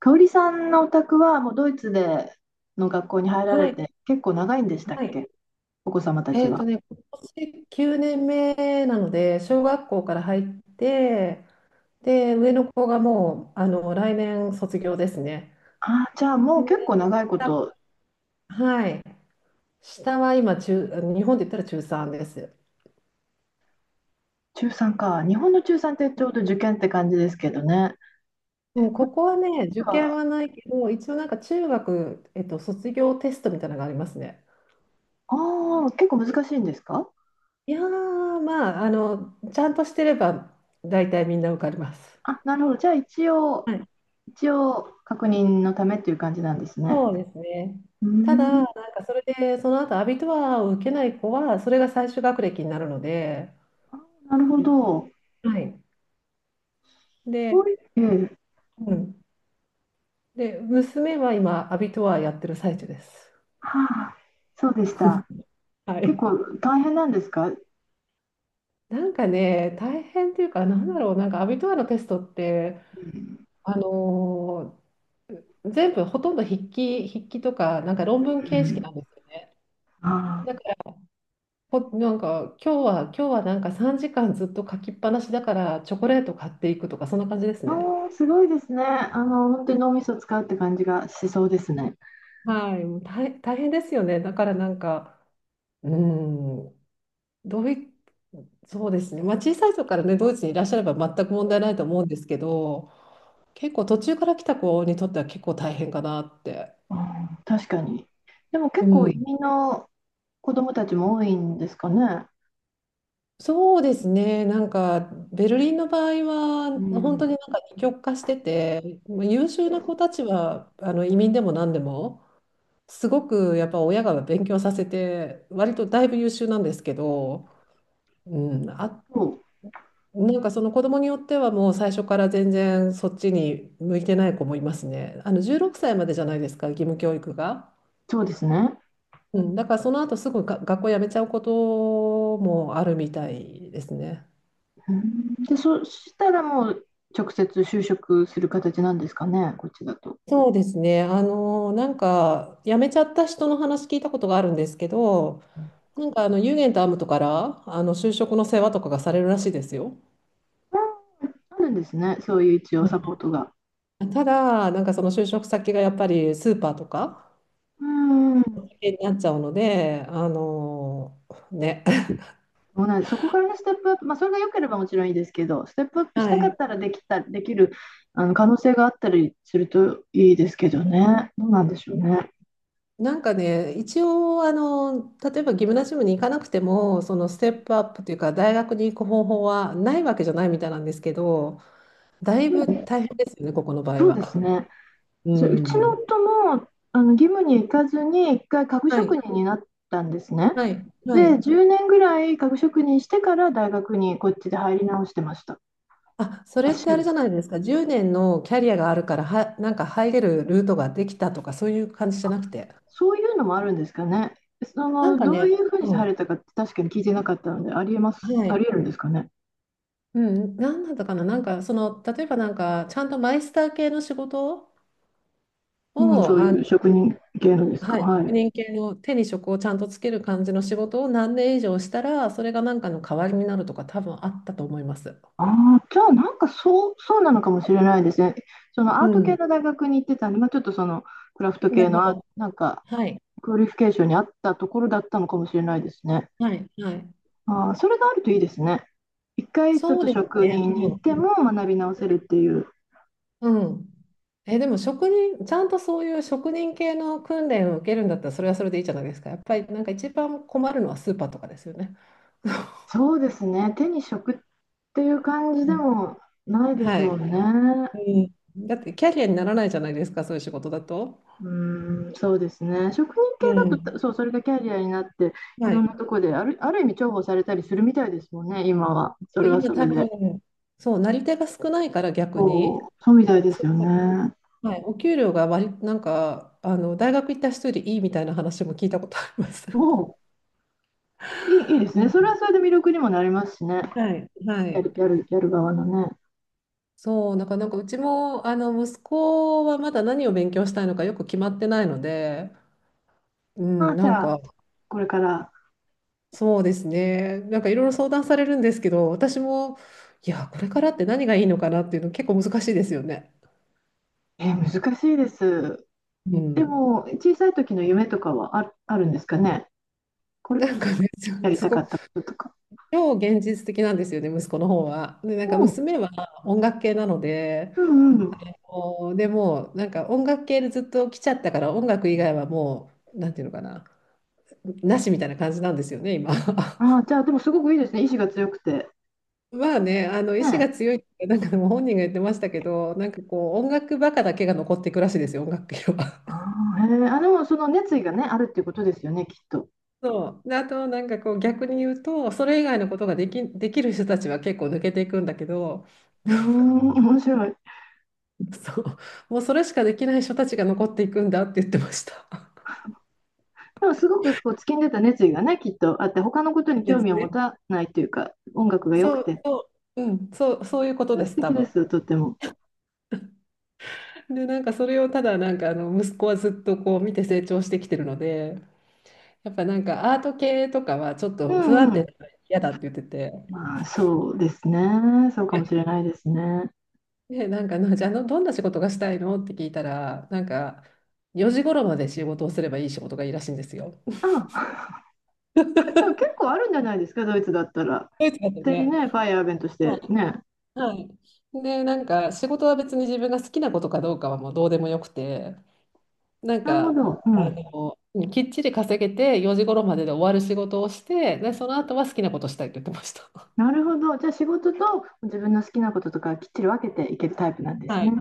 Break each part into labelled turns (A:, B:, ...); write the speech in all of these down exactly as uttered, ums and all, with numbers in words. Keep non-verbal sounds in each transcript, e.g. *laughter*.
A: 香織さんのお宅はもうドイツでの学校に入ら
B: は
A: れ
B: い、
A: て結構長いんでしたっ
B: はい。
A: け。お子様たち
B: えっと
A: は。
B: ね、今年きゅうねんめなので、小学校から入って、で、上の子がもう、あの、来年卒業ですね。
A: ああ、じゃあもう
B: で、
A: 結構長いこ
B: 下
A: と。
B: はい。下は今中、日本で言ったら中さんです。
A: 中さんか。日本の中さんってちょうど受験って感じですけどね。え
B: もう
A: こっ
B: こ
A: ち
B: こはね、受験
A: は、
B: はないけど、一応なんか中学、えっと、卒業テストみたいなのがありますね。
A: ああ、結構難しいんですか。
B: いやー、まあ、あの、ちゃんとしてれば、大体みんな受かります。
A: あ、なるほど。じゃあ一応、
B: はい、
A: 一応確認のためっていう感じなんですね。
B: そうですね。
A: うー
B: ただ、
A: ん、
B: なんかそれで、その後アビトワーを受けない子は、それが最終学歴になるので、
A: あなるほど。
B: はい。
A: そう
B: で、
A: いええ
B: うん。で、娘は今、アビトワーやってる最中です。
A: はあ、そうでした。
B: は
A: 結
B: い。
A: 構大変なんですか。う
B: なんかね、大変っていうか、なんだろう、なんかアビトワーのテストって、
A: ん、
B: あのー全部ほとんど筆記、筆記とか、なんか論文
A: う
B: 形式
A: ん、
B: なんですよね。
A: あ
B: だ
A: あ。
B: かほ、なんか今日は今日はなんかさんじかんずっと書きっぱなしだからチョコレート買っていくとかそんな感じです
A: あ
B: ね。
A: ーすごいですね。あの、本当に脳みそを使うって感じがしそうですね。
B: はい、もう大、大変ですよね。だからなんか、うーん、どうい、そうですね。まあ小さい人からね、ドイツにいらっしゃれば全く問題ないと思うんですけど、結構途中から来た子にとっては結構大変かなって。
A: うん、確かに。でも
B: う
A: 結構移
B: ん。
A: 民の子供たちも多いんですかね。
B: そうですね。なんかベルリンの場合は
A: う
B: 本当
A: ん、
B: になんか二極化してて、まあ優秀な子たちはあの移民でも何でも。すごくやっぱ親が勉強させて、割とだいぶ優秀なんですけど、うん、あ、
A: そう、
B: なんかその子供によってはもう最初から全然そっちに向いてない子もいますね。あのじゅうろくさいまでじゃないですか、義務教育が。
A: そうですね。
B: うん、だからその後すぐが学校辞めちゃうこともあるみたいですね。
A: うん、で、そしたらもう直接就職する形なんですかね、こっちだと。
B: そうですね。あの、なんか、辞めちゃった人の話聞いたことがあるんですけど、
A: う、
B: なんか、あの、ユーゲンとアムトから、あの、就職の世話とかがされるらしいですよ。
A: あるんですね、そういう一応サポートが。
B: ただ、なんかその就職先がやっぱりスーパーとか
A: うん。
B: になっちゃうので、あのね。*laughs*
A: そうなんです。そこからステップアップ、まあ、それが良ければもちろんいいですけど、ステップアップし
B: は
A: たかっ
B: い。
A: たらできた、できる、あの、可能性があったりするといいですけどね。どうなんでしょうね。
B: なんかね、一応、あの、例えばギムナジムに行かなくても、そのステップアップというか、大学に行く方法はないわけじゃないみたいなんですけど、だい
A: う
B: ぶ
A: ん、
B: 大変ですよね、ここの場合
A: そうです
B: は。
A: ね。
B: う
A: それうちの
B: ん。
A: 夫も、あの、義務に行かずに、一回家具
B: は
A: 職
B: い、
A: 人になったんですね。
B: はい、は
A: で、
B: い。
A: じゅうねんぐらい家具職人してから大学にこっちで入り直してました。
B: あ、そ
A: ら
B: れっ
A: し
B: て
A: い
B: あれ
A: で
B: じゃ
A: す。
B: ないですか、じゅうねんのキャリアがあるからは、なんか入れるルートができたとか、そういう感じじ
A: あ、
B: ゃなくて。
A: そういうのもあるんですかね。そ
B: なん
A: の、
B: か
A: どうい
B: ね、
A: うふうに
B: うん。
A: されたかって確かに聞いてなかったので、ありえま
B: は
A: す、あ
B: い。
A: りえるんですかね。
B: うん、なんだったかな、なんかその例えばなんかちゃんとマイスター系の仕事
A: うん、
B: を
A: そう
B: あの
A: いう職人系のですか。
B: はい。
A: は
B: 職
A: い。
B: 人系の手に職をちゃんとつける感じの仕事を何年以上したらそれがなんかの代わりになるとか多分あったと思います。
A: ああ、じゃあなんかそう、そうなのかもしれないですね。そのア
B: う
A: ート
B: ん。
A: 系の大学に行ってたんで、まあ、ちょっとそのクラフト
B: な
A: 系
B: るほ
A: のあ、
B: ど。
A: なんか
B: はい。
A: クオリフィケーションに合ったところだったのかもしれないですね。
B: はい。はい。
A: ああ、それがあるといいですね。一回ちょっ
B: そう
A: と
B: です
A: 職
B: ね。
A: 人に
B: う
A: 行
B: ん。
A: っても学び直せるっていう。
B: うん。え、でも職人、ちゃんとそういう職人系の訓練を受けるんだったらそれはそれでいいじゃないですか。やっぱりなんか一番困るのはスーパーとかですよね。
A: そうですね。手に職っていう感じ
B: う
A: で
B: ん、
A: もないです
B: は
A: も
B: い。
A: んね。
B: うん、だってキャリアにならないじゃないですか、そういう仕事だと。
A: うーん、そうですね。職人系
B: う
A: だと、た
B: ん。
A: そう、それがキャリアになって、い
B: は
A: ろん
B: い。
A: なとこで、ある、ある意味重宝されたりするみたいですもんね、今は。それは
B: 今
A: そ
B: 多
A: れで。
B: 分、そう、なり手が少ないから逆に、
A: そう、そうみたいです
B: そ
A: よね。
B: はい、お給料が割り、なんか、あの、大学行った人よりいいみたいな話も聞いたことあります。
A: もう、いい、いいです
B: う
A: ね。
B: ん、
A: それはそれで魅力にもなりますしね。
B: はい、は
A: やる、
B: い。
A: やる、やる側のね。
B: そう、なんか、なんかうちも、あの、息子はまだ何を勉強したいのかよく決まってないので、う
A: ああ、
B: ん、
A: じ
B: なんん
A: ゃあ、
B: か、
A: これから、
B: そうですね。なんかいろいろ相談されるんですけど、私も、いや、これからって何がいいのかなっていうの結構難しいですよね。
A: えー難しいです。
B: う
A: で
B: ん、
A: も、小さい時の夢とかはある、あるんですかね。これ、
B: なんかね、
A: や
B: *laughs*
A: り
B: す
A: たか
B: ご
A: っ
B: く、
A: たこととか。
B: 超現実的なんですよね、息子の方は。で、なんか
A: うん、
B: 娘は音楽系なので、
A: うん、うん。
B: もうでも、なんか音楽系でずっと来ちゃったから、音楽以外はもう、なんていうのかな、なしみたいな感じなんですよね、今。
A: あ
B: *laughs*
A: あ、じゃあ、でもすごくいいですね。意志が強くて。
B: まあね、あの意志
A: ね、
B: が強いって、なんかでも本人が言ってましたけど、なんかこう、音楽バカだけが残っていくらしいですよ、音楽系は。
A: ああ、へえ、あ、でもその熱意がね、あるっていうことですよね、きっと。
B: そう。で、あと、なんかこう、逆に言うと、それ以外のことができ、できる人たちは結構抜けていくんだけど、
A: うーん、ん面白い。
B: *laughs* そう。もうそれしかできない人たちが残っていくんだって言ってました。
A: でもすごくこう突きんでた熱意がね、きっとあって、他のことに
B: *laughs*
A: 興
B: で
A: 味
B: す
A: を持
B: ね。
A: たないというか、音楽が良く
B: そう、
A: て、
B: そう、うん、そう、そういうことで
A: 素
B: す、
A: 敵
B: 多
A: で
B: 分。
A: すよ、とっても。
B: で、なんかそれをただ、なんかあの、息子はずっとこう、見て成長してきてるので、やっぱなんかアート系とかはちょっ
A: う
B: と不
A: ん
B: 安
A: うん。
B: 定だから嫌だって言ってて、
A: まあ、そうですね。そうかもしれない
B: *laughs*
A: ですね。
B: で、なんかな、じゃああの、どんな仕事がしたいのって聞いたら、なんか、よじ頃まで仕事をすればいい仕事がいいらしいんですよ。
A: うん。*laughs* でも結構あるんじゃないですか、ドイツだったら。
B: ドイツだと
A: 勝手に
B: ね。
A: ね、ファイアーベンとし
B: は
A: てね。
B: い。はい。で、なんか仕事は別に自分が好きなことかどうかはもうどうでもよくて、なん
A: なるほ
B: か、
A: ど。う
B: あ
A: ん。
B: の、きっちり稼げてよじ頃までで終わる仕事をして、で、その後は好きなことしたいって言ってました。
A: なるほど。じゃあ仕事と自分の好きなこととかきっちり分けていけるタイプなんです
B: は
A: ね。
B: い。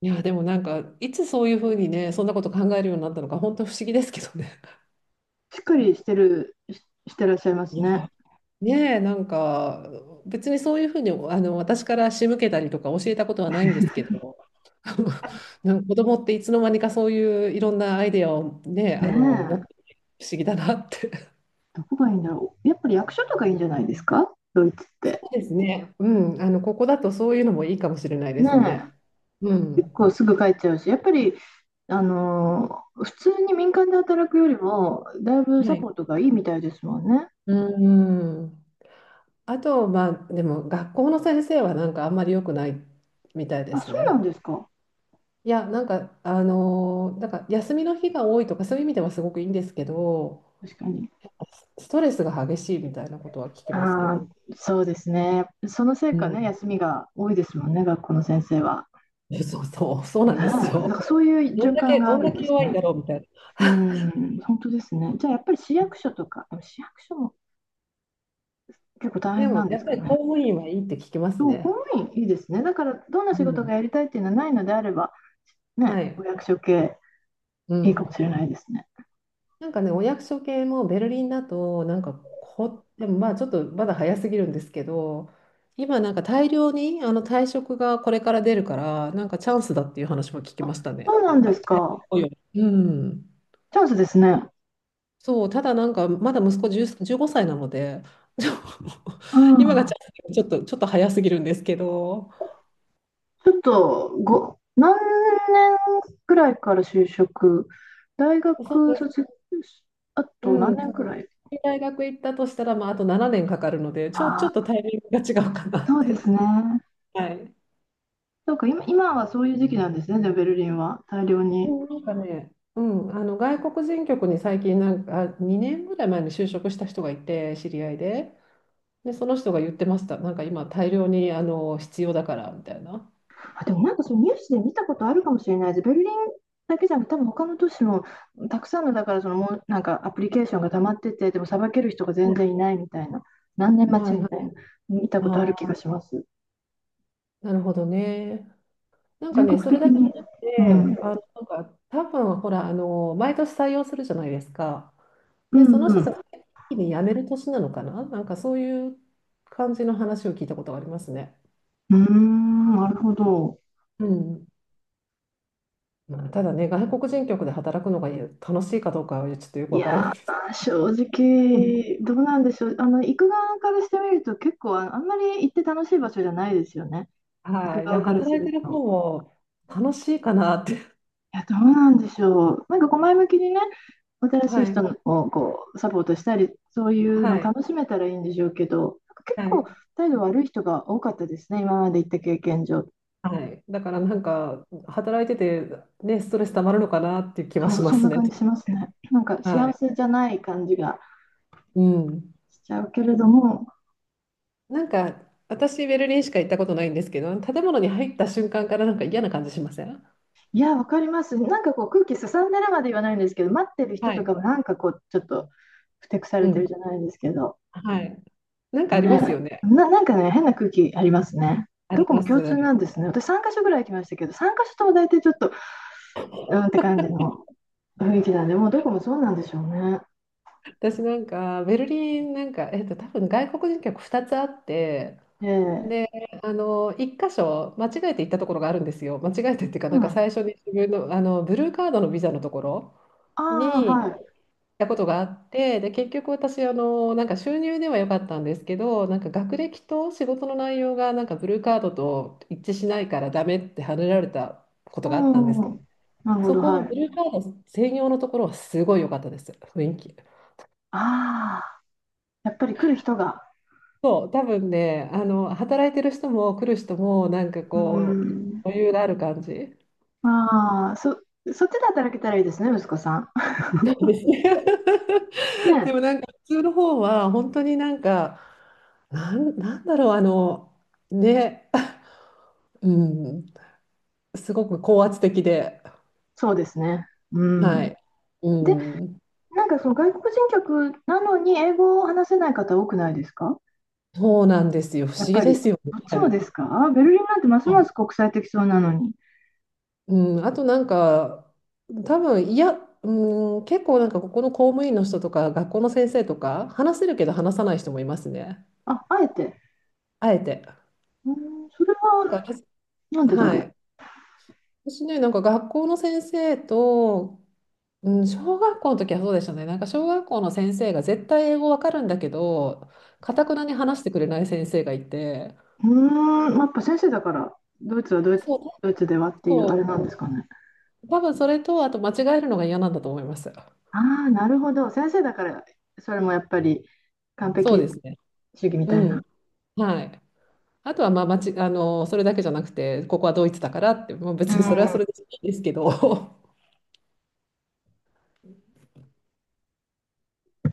B: いや、でもなんか、いつそういうふうにね、そんなこと考えるようになったのか、本当不思議ですけどね。
A: しっかりしてる、ししてらっしゃいま
B: い
A: す
B: や、
A: ね。
B: ねえ、なんか、別にそういうふうに、あの、私から仕向けたりとか教えたことはないんですけ
A: *laughs*
B: ど、*laughs* なんか子供っていつの間にかそういういろんなアイデアをね、
A: ね
B: あの、持っ
A: え、
B: てて不思議だなって。*laughs*
A: どこがいいんだろう。やっぱり役所とかいいんじゃないですかドイツっ
B: そ
A: て。
B: うですね。うん、あの、ここだとそういうのもいいかもしれないで
A: ね
B: すね。う
A: え、結
B: ん。
A: 構すぐ帰っちゃうし、やっぱり、あのー普通に民間で働くよりも、だいぶ
B: は
A: サ
B: い。
A: ポートがいいみたいですもんね。
B: うん。あと、まあ、でも学校の先生はなんかあんまり良くないみたいで
A: あ、そ
B: す
A: う
B: ね。
A: なんですか。
B: いや、なんか、あのーなんか休みの日が多いとかそういう意味ではすごくいいんですけど、
A: 確かに。
B: ストレスが激しいみたいなことは聞きますけ
A: あ
B: ど、
A: あ、そうですね。そのせい
B: う
A: かね、
B: ん、
A: 休みが多いですもんね、学校の先生は。
B: *laughs* えそうそう、そう
A: ね
B: な
A: え、
B: ん
A: だ
B: です
A: か
B: よ。
A: らそういう
B: どん
A: 循
B: だ
A: 環
B: け、
A: が
B: ど
A: あ
B: ん
A: る
B: だ
A: んで
B: け
A: す
B: 弱いん
A: ね。
B: だろうみたいな。
A: うん、本当ですね。じゃあやっぱり市役所とか、市役所も結構
B: *laughs*
A: 大
B: で
A: 変な
B: も、
A: んで
B: や
A: す
B: っぱ
A: か
B: り
A: ね。
B: 公務員はいいって聞きます
A: そう、
B: ね。
A: 公務員いいですね。だからどんな仕
B: う
A: 事
B: ん。
A: がやりたいっていうのはないのであれば、
B: は
A: ね、お
B: い。
A: 役所系
B: う
A: いいかも
B: ん。
A: しれないですね。
B: なんかね、お役所系もベルリンだと、なんかこ、でもまあちょっとまだ早すぎるんですけど、今なんか大量にあの退職がこれから出るから、なんかチャンスだっていう話も聞き
A: あ、
B: ました
A: そ
B: ね。
A: うな
B: なん
A: んで
B: か、
A: すか。
B: うん。
A: チャンスですね。
B: そう、ただなんか、まだ息子じゅう、じゅうごさいなので、ちょ *laughs*
A: う
B: 今が
A: ん。
B: チャンスちょっと、ちょっと早すぎるんですけど、
A: ちょっとご、何年くらいから就職、大
B: そ
A: 学
B: うで
A: 卒
B: す、
A: 業、あと何
B: う
A: 年
B: ん、
A: くらい。
B: 大学行ったとしたら、まあ、あとななねんかかるので、ちょ、ちょ
A: あ
B: っと
A: あ、
B: タイミングが違うかなっ
A: そうで
B: て。
A: すね。
B: はい。
A: そうか、今、今はそういう時期なんですね、じゃあベルリンは。大量に。
B: うん、なんかね、うん、あの外国人局に最近なんか、にねんぐらい前に就職した人がいて、知り合いで、で、その人が言ってました、なんか今、大量にあの必要だからみたいな。
A: あ、でもなんかそのニュースで見たことあるかもしれないです。ベルリンだけじゃなくて、多分他の都市もたくさんのだからそのもうなんかアプリケーションが溜まってて、でもさばける人が
B: は
A: 全
B: い
A: 然いないみたいな、何年待ち
B: はい
A: み
B: は
A: たい
B: い。
A: な、見たことある
B: あ
A: 気が
B: あ、
A: します。
B: なるほどね。なんか
A: 全
B: ね、
A: 国
B: それ
A: 的
B: だけじ
A: に。
B: ゃなく
A: うん。
B: て、あの、なんか、多分ほら、あの、毎年採用するじゃないですか。
A: う
B: で、そ
A: ん
B: の
A: う
B: 人たち
A: ん。
B: が一気に辞める年なのかな、なんかそういう感じの話を聞いたことがありますね。
A: うーん、なるほど。
B: うん。まあ、ただね、外国人局で働くのが楽しいかどうかはちょっとよく
A: い
B: わからな
A: や
B: いです。
A: ー、正
B: *laughs* ん、
A: 直、どうなんでしょう。あの、行く側からしてみると、結構あ、あんまり行って楽しい場所じゃないですよね。行く
B: はい。で、
A: 側からす
B: 働い
A: る
B: てる方
A: と。
B: も楽しいかなって。
A: いや、どうなんでしょう。なんかこう前向きにね、新しい
B: はい。
A: 人をこうサポートしたり、そういうの
B: はい。
A: 楽しめたらいいんでしょうけど、結
B: は
A: 構
B: い。
A: 態度悪い人が多かったですね、今まで行った経験上。
B: はい。だからなんか、働いてて、ね、ストレス溜まるのかなっていう気は
A: そ
B: し
A: う、
B: ま
A: そん
B: す
A: な
B: ね。
A: 感じしますね。なんか
B: は
A: 幸
B: い。
A: せじゃない感じが
B: うん。
A: しちゃうけれども、
B: なんか、私、ベルリンしか行ったことないんですけど、建物に入った瞬間からなんか嫌な感じしません？
A: いや、わかります。なんかこう空気すさんでるまで言わないんですけど、待ってる人
B: は
A: とか
B: い。
A: もなんかこうちょっとふてくさ
B: う
A: れて
B: ん。
A: るじゃないですけど、
B: はい。なんかあります
A: ね、
B: よね。
A: な、なんかね、変な空気ありますね。
B: あ
A: ど
B: り
A: こも
B: ま
A: 共通なん
B: す。
A: ですね。私さんカ所ぐらい行きましたけど、さんカ所とも大体ちょっと、うんって感じの雰囲気だね。もうどこもそうなんでしょうね。
B: 私なんか、ベルリン、なんか、えっと、多分外国人客ふたつあって、
A: ええ。
B: で、あの、一箇所、間違えて行ったところがあるんですよ。間違えてっていうか、
A: う
B: なん
A: ん。
B: か
A: あ
B: 最初に自分の、あの、ブルーカードのビザのところ
A: あ、は
B: に、
A: い。
B: たことがあって、で、結局私、あの、なんか収入では良かったんですけど、なんか学歴と仕事の内容がなんかブルーカードと一致しないからダメってはねられたことがあったんです
A: う
B: けど、
A: ん。なるほ
B: そ
A: ど、
B: こ
A: は
B: のブ
A: い。
B: ルーカード専用のところはすごい良かったです、雰囲気。
A: ああ、やっぱり来る人が。
B: そう、多分ね、あの、働いてる人も来る人も、なんか
A: うー
B: こう、
A: ん。
B: 余裕がある感じ。
A: ああ、そ、そっちで働けたらいいですね、息子さん。
B: *laughs*
A: *laughs*
B: で
A: ね、
B: もなんか普通の方は本当になんか、なん、なんだろう、あの、ね、うん、すごく高圧的で、
A: そうですね。う
B: は
A: ん。
B: い。う
A: で、
B: ん。
A: なんかその外国人客なのに英語を話せない方多くないですか
B: そうなんですよ。不
A: や
B: 思
A: っ
B: 議
A: ぱ
B: で
A: り。
B: すよ
A: どっちも
B: ね。
A: ですかベルリンなんてます
B: は
A: ま
B: い。
A: す国際的そうなのに。
B: うん。あとなんか、多分、いや、うん、結構なんかここの公務員の人とか、学校の先生とか、話せるけど話さない人もいますね。
A: あ、あえて。
B: あえて。
A: うん、それ
B: なんか、
A: は
B: け
A: なんでだ
B: は
A: ろう。
B: い。私ね、なんか学校の先生と、うん、小学校の時はそうでしたね。なんか小学校の先生が絶対英語わかるんだけど、かたくなに話してくれない先生がいて、
A: うーん、まあやっぱ先生だから、ドイツはドイツ、
B: そう、
A: ドイツではっていうあれなんですかね。
B: 多分それと、あと間違えるのが嫌なんだと思います。
A: ああ、なるほど。先生だから、それもやっぱり完
B: そう
A: 璧
B: ですね。
A: 主義みた
B: う
A: いな。
B: ん。はい。あとは、まあ、まち、あの、それだけじゃなくて、ここはドイツだからって、もう
A: う
B: 別にそれは
A: ん。
B: それでいいですけど、